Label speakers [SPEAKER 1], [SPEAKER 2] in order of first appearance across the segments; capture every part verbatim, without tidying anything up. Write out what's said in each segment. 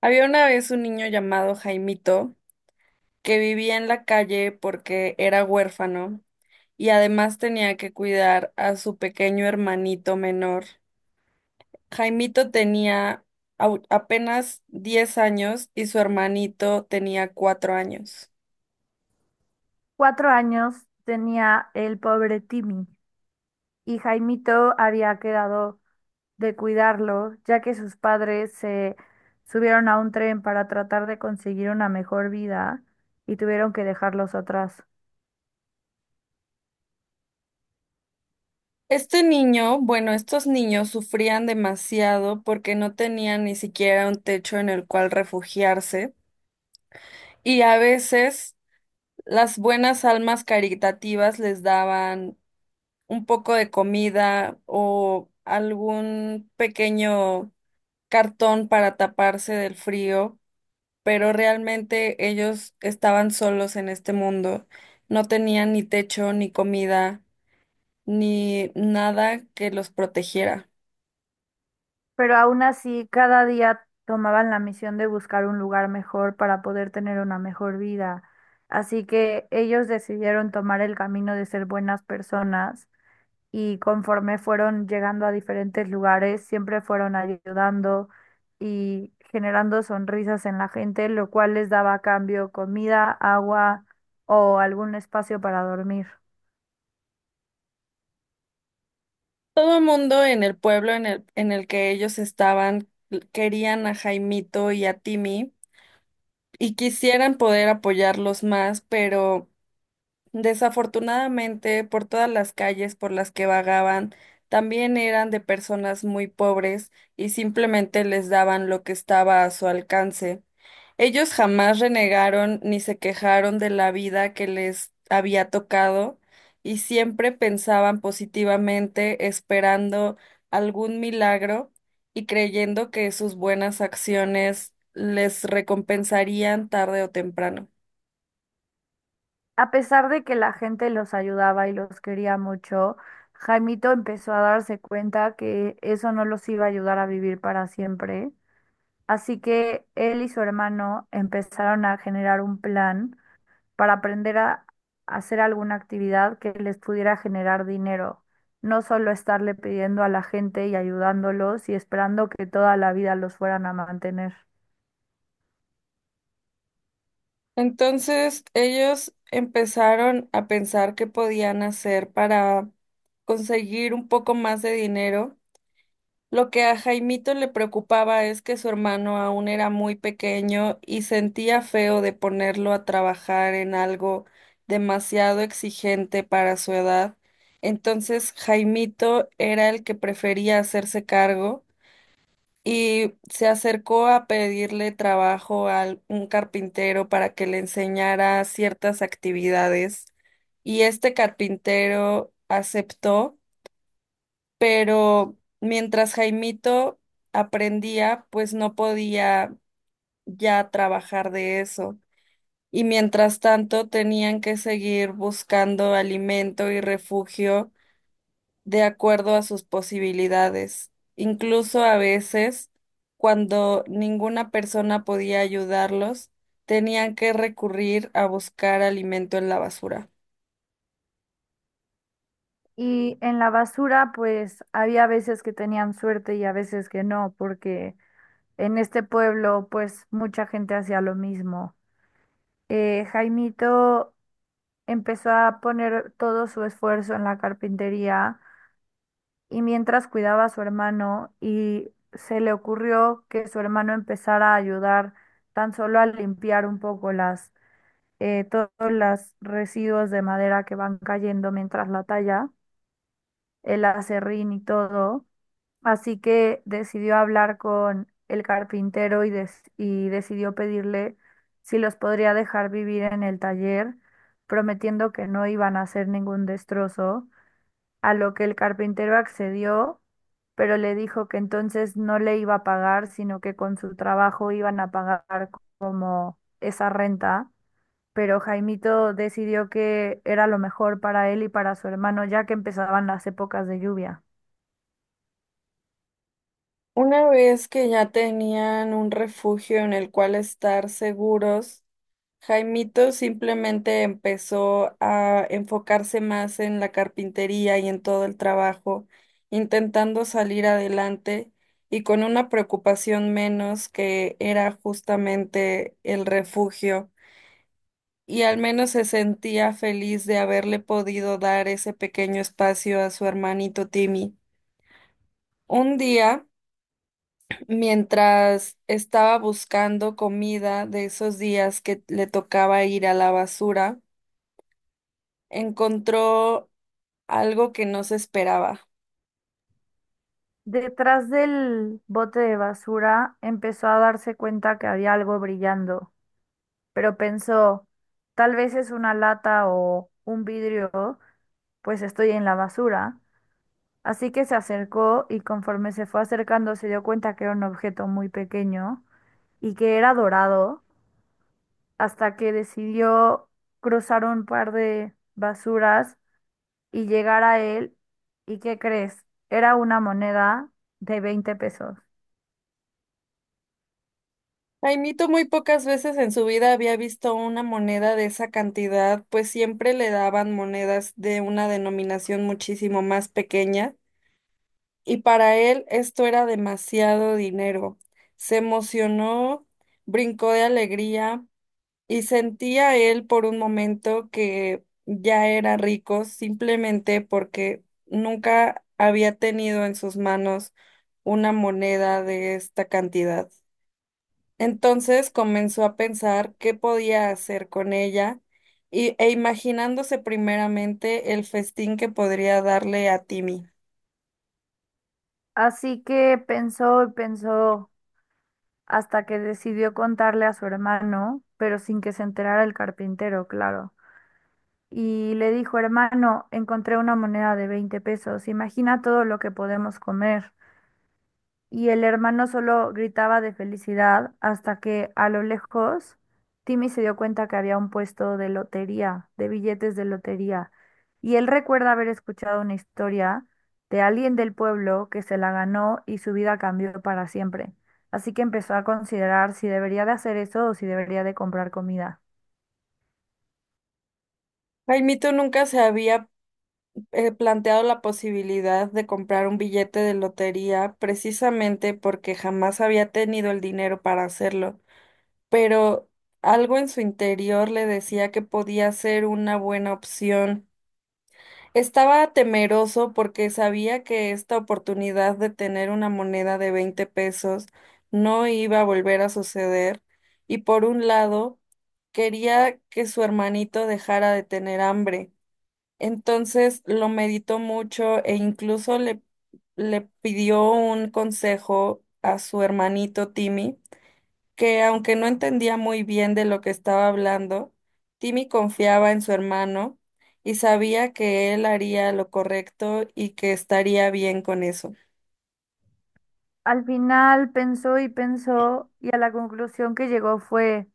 [SPEAKER 1] Había una vez un niño llamado Jaimito que vivía en la calle porque era huérfano y además tenía que cuidar a su pequeño hermanito menor. Jaimito tenía au- apenas diez años y su hermanito tenía cuatro años.
[SPEAKER 2] Cuatro años tenía el pobre Timmy, y Jaimito había quedado de cuidarlo, ya que sus padres se subieron a un tren para tratar de conseguir una mejor vida y tuvieron que dejarlos atrás.
[SPEAKER 1] Este niño, bueno, estos niños sufrían demasiado porque no tenían ni siquiera un techo en el cual refugiarse, y a veces las buenas almas caritativas les daban un poco de comida o algún pequeño cartón para taparse del frío, pero realmente ellos estaban solos en este mundo. No tenían ni techo, ni comida, ni nada que los protegiera.
[SPEAKER 2] Pero aún así, cada día tomaban la misión de buscar un lugar mejor para poder tener una mejor vida. Así que ellos decidieron tomar el camino de ser buenas personas, y conforme fueron llegando a diferentes lugares, siempre fueron ayudando y generando sonrisas en la gente, lo cual les daba a cambio comida, agua o algún espacio para dormir.
[SPEAKER 1] Todo el mundo en el pueblo en el, en el que ellos estaban querían a Jaimito y a Timmy, y quisieran poder apoyarlos más, pero, desafortunadamente, por todas las calles por las que vagaban, también eran de personas muy pobres y simplemente les daban lo que estaba a su alcance. Ellos jamás renegaron ni se quejaron de la vida que les había tocado, y siempre pensaban positivamente, esperando algún milagro y creyendo que sus buenas acciones les recompensarían tarde o temprano.
[SPEAKER 2] A pesar de que la gente los ayudaba y los quería mucho, Jaimito empezó a darse cuenta que eso no los iba a ayudar a vivir para siempre. Así que él y su hermano empezaron a generar un plan para aprender a hacer alguna actividad que les pudiera generar dinero, no solo estarle pidiendo a la gente y ayudándolos y esperando que toda la vida los fueran a mantener.
[SPEAKER 1] Entonces ellos empezaron a pensar qué podían hacer para conseguir un poco más de dinero. Lo que a Jaimito le preocupaba es que su hermano aún era muy pequeño y sentía feo de ponerlo a trabajar en algo demasiado exigente para su edad. Entonces Jaimito era el que prefería hacerse cargo, y se acercó a pedirle trabajo a un carpintero para que le enseñara ciertas actividades, y este carpintero aceptó, pero mientras Jaimito aprendía, pues no podía ya trabajar de eso. Y mientras tanto tenían que seguir buscando alimento y refugio de acuerdo a sus posibilidades. Incluso a veces, cuando ninguna persona podía ayudarlos, tenían que recurrir a buscar alimento en la basura.
[SPEAKER 2] Y en la basura, pues había veces que tenían suerte y a veces que no, porque en este pueblo, pues mucha gente hacía lo mismo. Eh, Jaimito empezó a poner todo su esfuerzo en la carpintería y mientras cuidaba a su hermano, y se le ocurrió que su hermano empezara a ayudar tan solo a limpiar un poco las, eh, todos los residuos de madera que van cayendo mientras la talla, el aserrín y todo. Así que decidió hablar con el carpintero y, des- y decidió pedirle si los podría dejar vivir en el taller, prometiendo que no iban a hacer ningún destrozo, a lo que el carpintero accedió, pero le dijo que entonces no le iba a pagar, sino que con su trabajo iban a pagar como esa renta. Pero Jaimito decidió que era lo mejor para él y para su hermano, ya que empezaban las épocas de lluvia.
[SPEAKER 1] Una vez que ya tenían un refugio en el cual estar seguros, Jaimito simplemente empezó a enfocarse más en la carpintería y en todo el trabajo, intentando salir adelante y con una preocupación menos, que era justamente el refugio, y al menos se sentía feliz de haberle podido dar ese pequeño espacio a su hermanito Timmy. Un día, mientras estaba buscando comida de esos días que le tocaba ir a la basura, encontró algo que no se esperaba.
[SPEAKER 2] Detrás del bote de basura empezó a darse cuenta que había algo brillando, pero pensó, tal vez es una lata o un vidrio, pues estoy en la basura. Así que se acercó, y conforme se fue acercando se dio cuenta que era un objeto muy pequeño y que era dorado, hasta que decidió cruzar un par de basuras y llegar a él. ¿Y qué crees? Era una moneda de veinte pesos.
[SPEAKER 1] Jaimito muy pocas veces en su vida había visto una moneda de esa cantidad, pues siempre le daban monedas de una denominación muchísimo más pequeña, y para él esto era demasiado dinero. Se emocionó, brincó de alegría, y sentía él por un momento que ya era rico simplemente porque nunca había tenido en sus manos una moneda de esta cantidad. Entonces comenzó a pensar qué podía hacer con ella, y, e imaginándose primeramente el festín que podría darle a Timmy.
[SPEAKER 2] Así que pensó y pensó hasta que decidió contarle a su hermano, pero sin que se enterara el carpintero, claro. Y le dijo, hermano, encontré una moneda de veinte pesos, imagina todo lo que podemos comer. Y el hermano solo gritaba de felicidad hasta que a lo lejos Timmy se dio cuenta que había un puesto de lotería, de billetes de lotería. Y él recuerda haber escuchado una historia de alguien del pueblo que se la ganó y su vida cambió para siempre. Así que empezó a considerar si debería de hacer eso o si debería de comprar comida.
[SPEAKER 1] Jaimito nunca se había eh, planteado la posibilidad de comprar un billete de lotería, precisamente porque jamás había tenido el dinero para hacerlo, pero algo en su interior le decía que podía ser una buena opción. Estaba temeroso porque sabía que esta oportunidad de tener una moneda de veinte pesos no iba a volver a suceder, y por un lado quería que su hermanito dejara de tener hambre. Entonces lo meditó mucho e incluso le, le pidió un consejo a su hermanito Timmy, que, aunque no entendía muy bien de lo que estaba hablando, Timmy confiaba en su hermano y sabía que él haría lo correcto y que estaría bien con eso.
[SPEAKER 2] Al final pensó y pensó, y a la conclusión que llegó fue,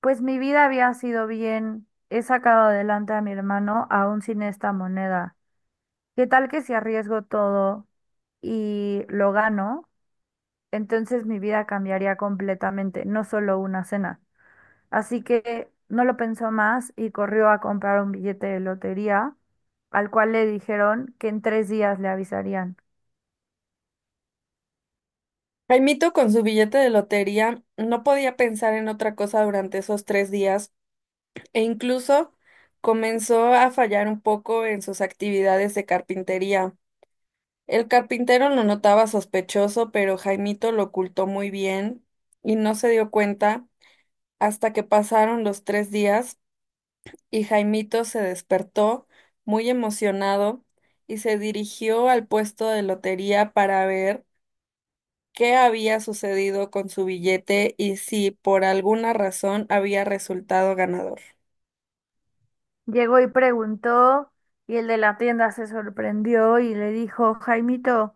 [SPEAKER 2] pues mi vida había sido bien, he sacado adelante a mi hermano aún sin esta moneda. ¿Qué tal que si arriesgo todo y lo gano? Entonces mi vida cambiaría completamente, no solo una cena. Así que no lo pensó más y corrió a comprar un billete de lotería, al cual le dijeron que en tres días le avisarían.
[SPEAKER 1] Jaimito, con su billete de lotería, no podía pensar en otra cosa durante esos tres días, e incluso comenzó a fallar un poco en sus actividades de carpintería. El carpintero lo notaba sospechoso, pero Jaimito lo ocultó muy bien y no se dio cuenta, hasta que pasaron los tres días y Jaimito se despertó muy emocionado y se dirigió al puesto de lotería para ver qué había sucedido con su billete y si por alguna razón había resultado ganador.
[SPEAKER 2] Llegó y preguntó, y el de la tienda se sorprendió y le dijo, Jaimito,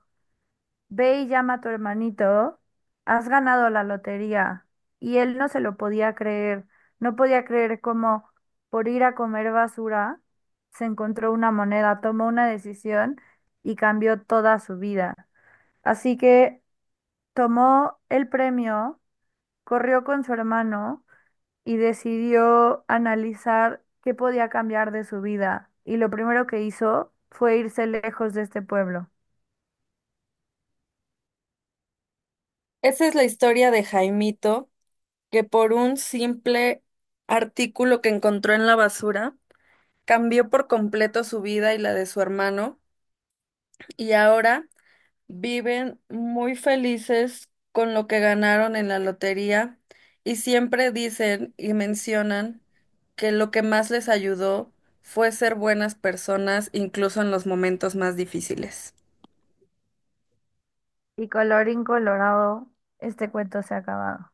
[SPEAKER 2] ve y llama a tu hermanito, has ganado la lotería. Y él no se lo podía creer, no podía creer cómo por ir a comer basura se encontró una moneda, tomó una decisión y cambió toda su vida. Así que tomó el premio, corrió con su hermano y decidió analizar qué podía cambiar de su vida. Y lo primero que hizo fue irse lejos de este pueblo.
[SPEAKER 1] Esa es la historia de Jaimito, que por un simple artículo que encontró en la basura, cambió por completo su vida y la de su hermano, y ahora viven muy felices con lo que ganaron en la lotería, y siempre dicen y mencionan que lo que más les ayudó fue ser buenas personas, incluso en los momentos más difíciles.
[SPEAKER 2] Y colorín colorado, este cuento se ha acabado.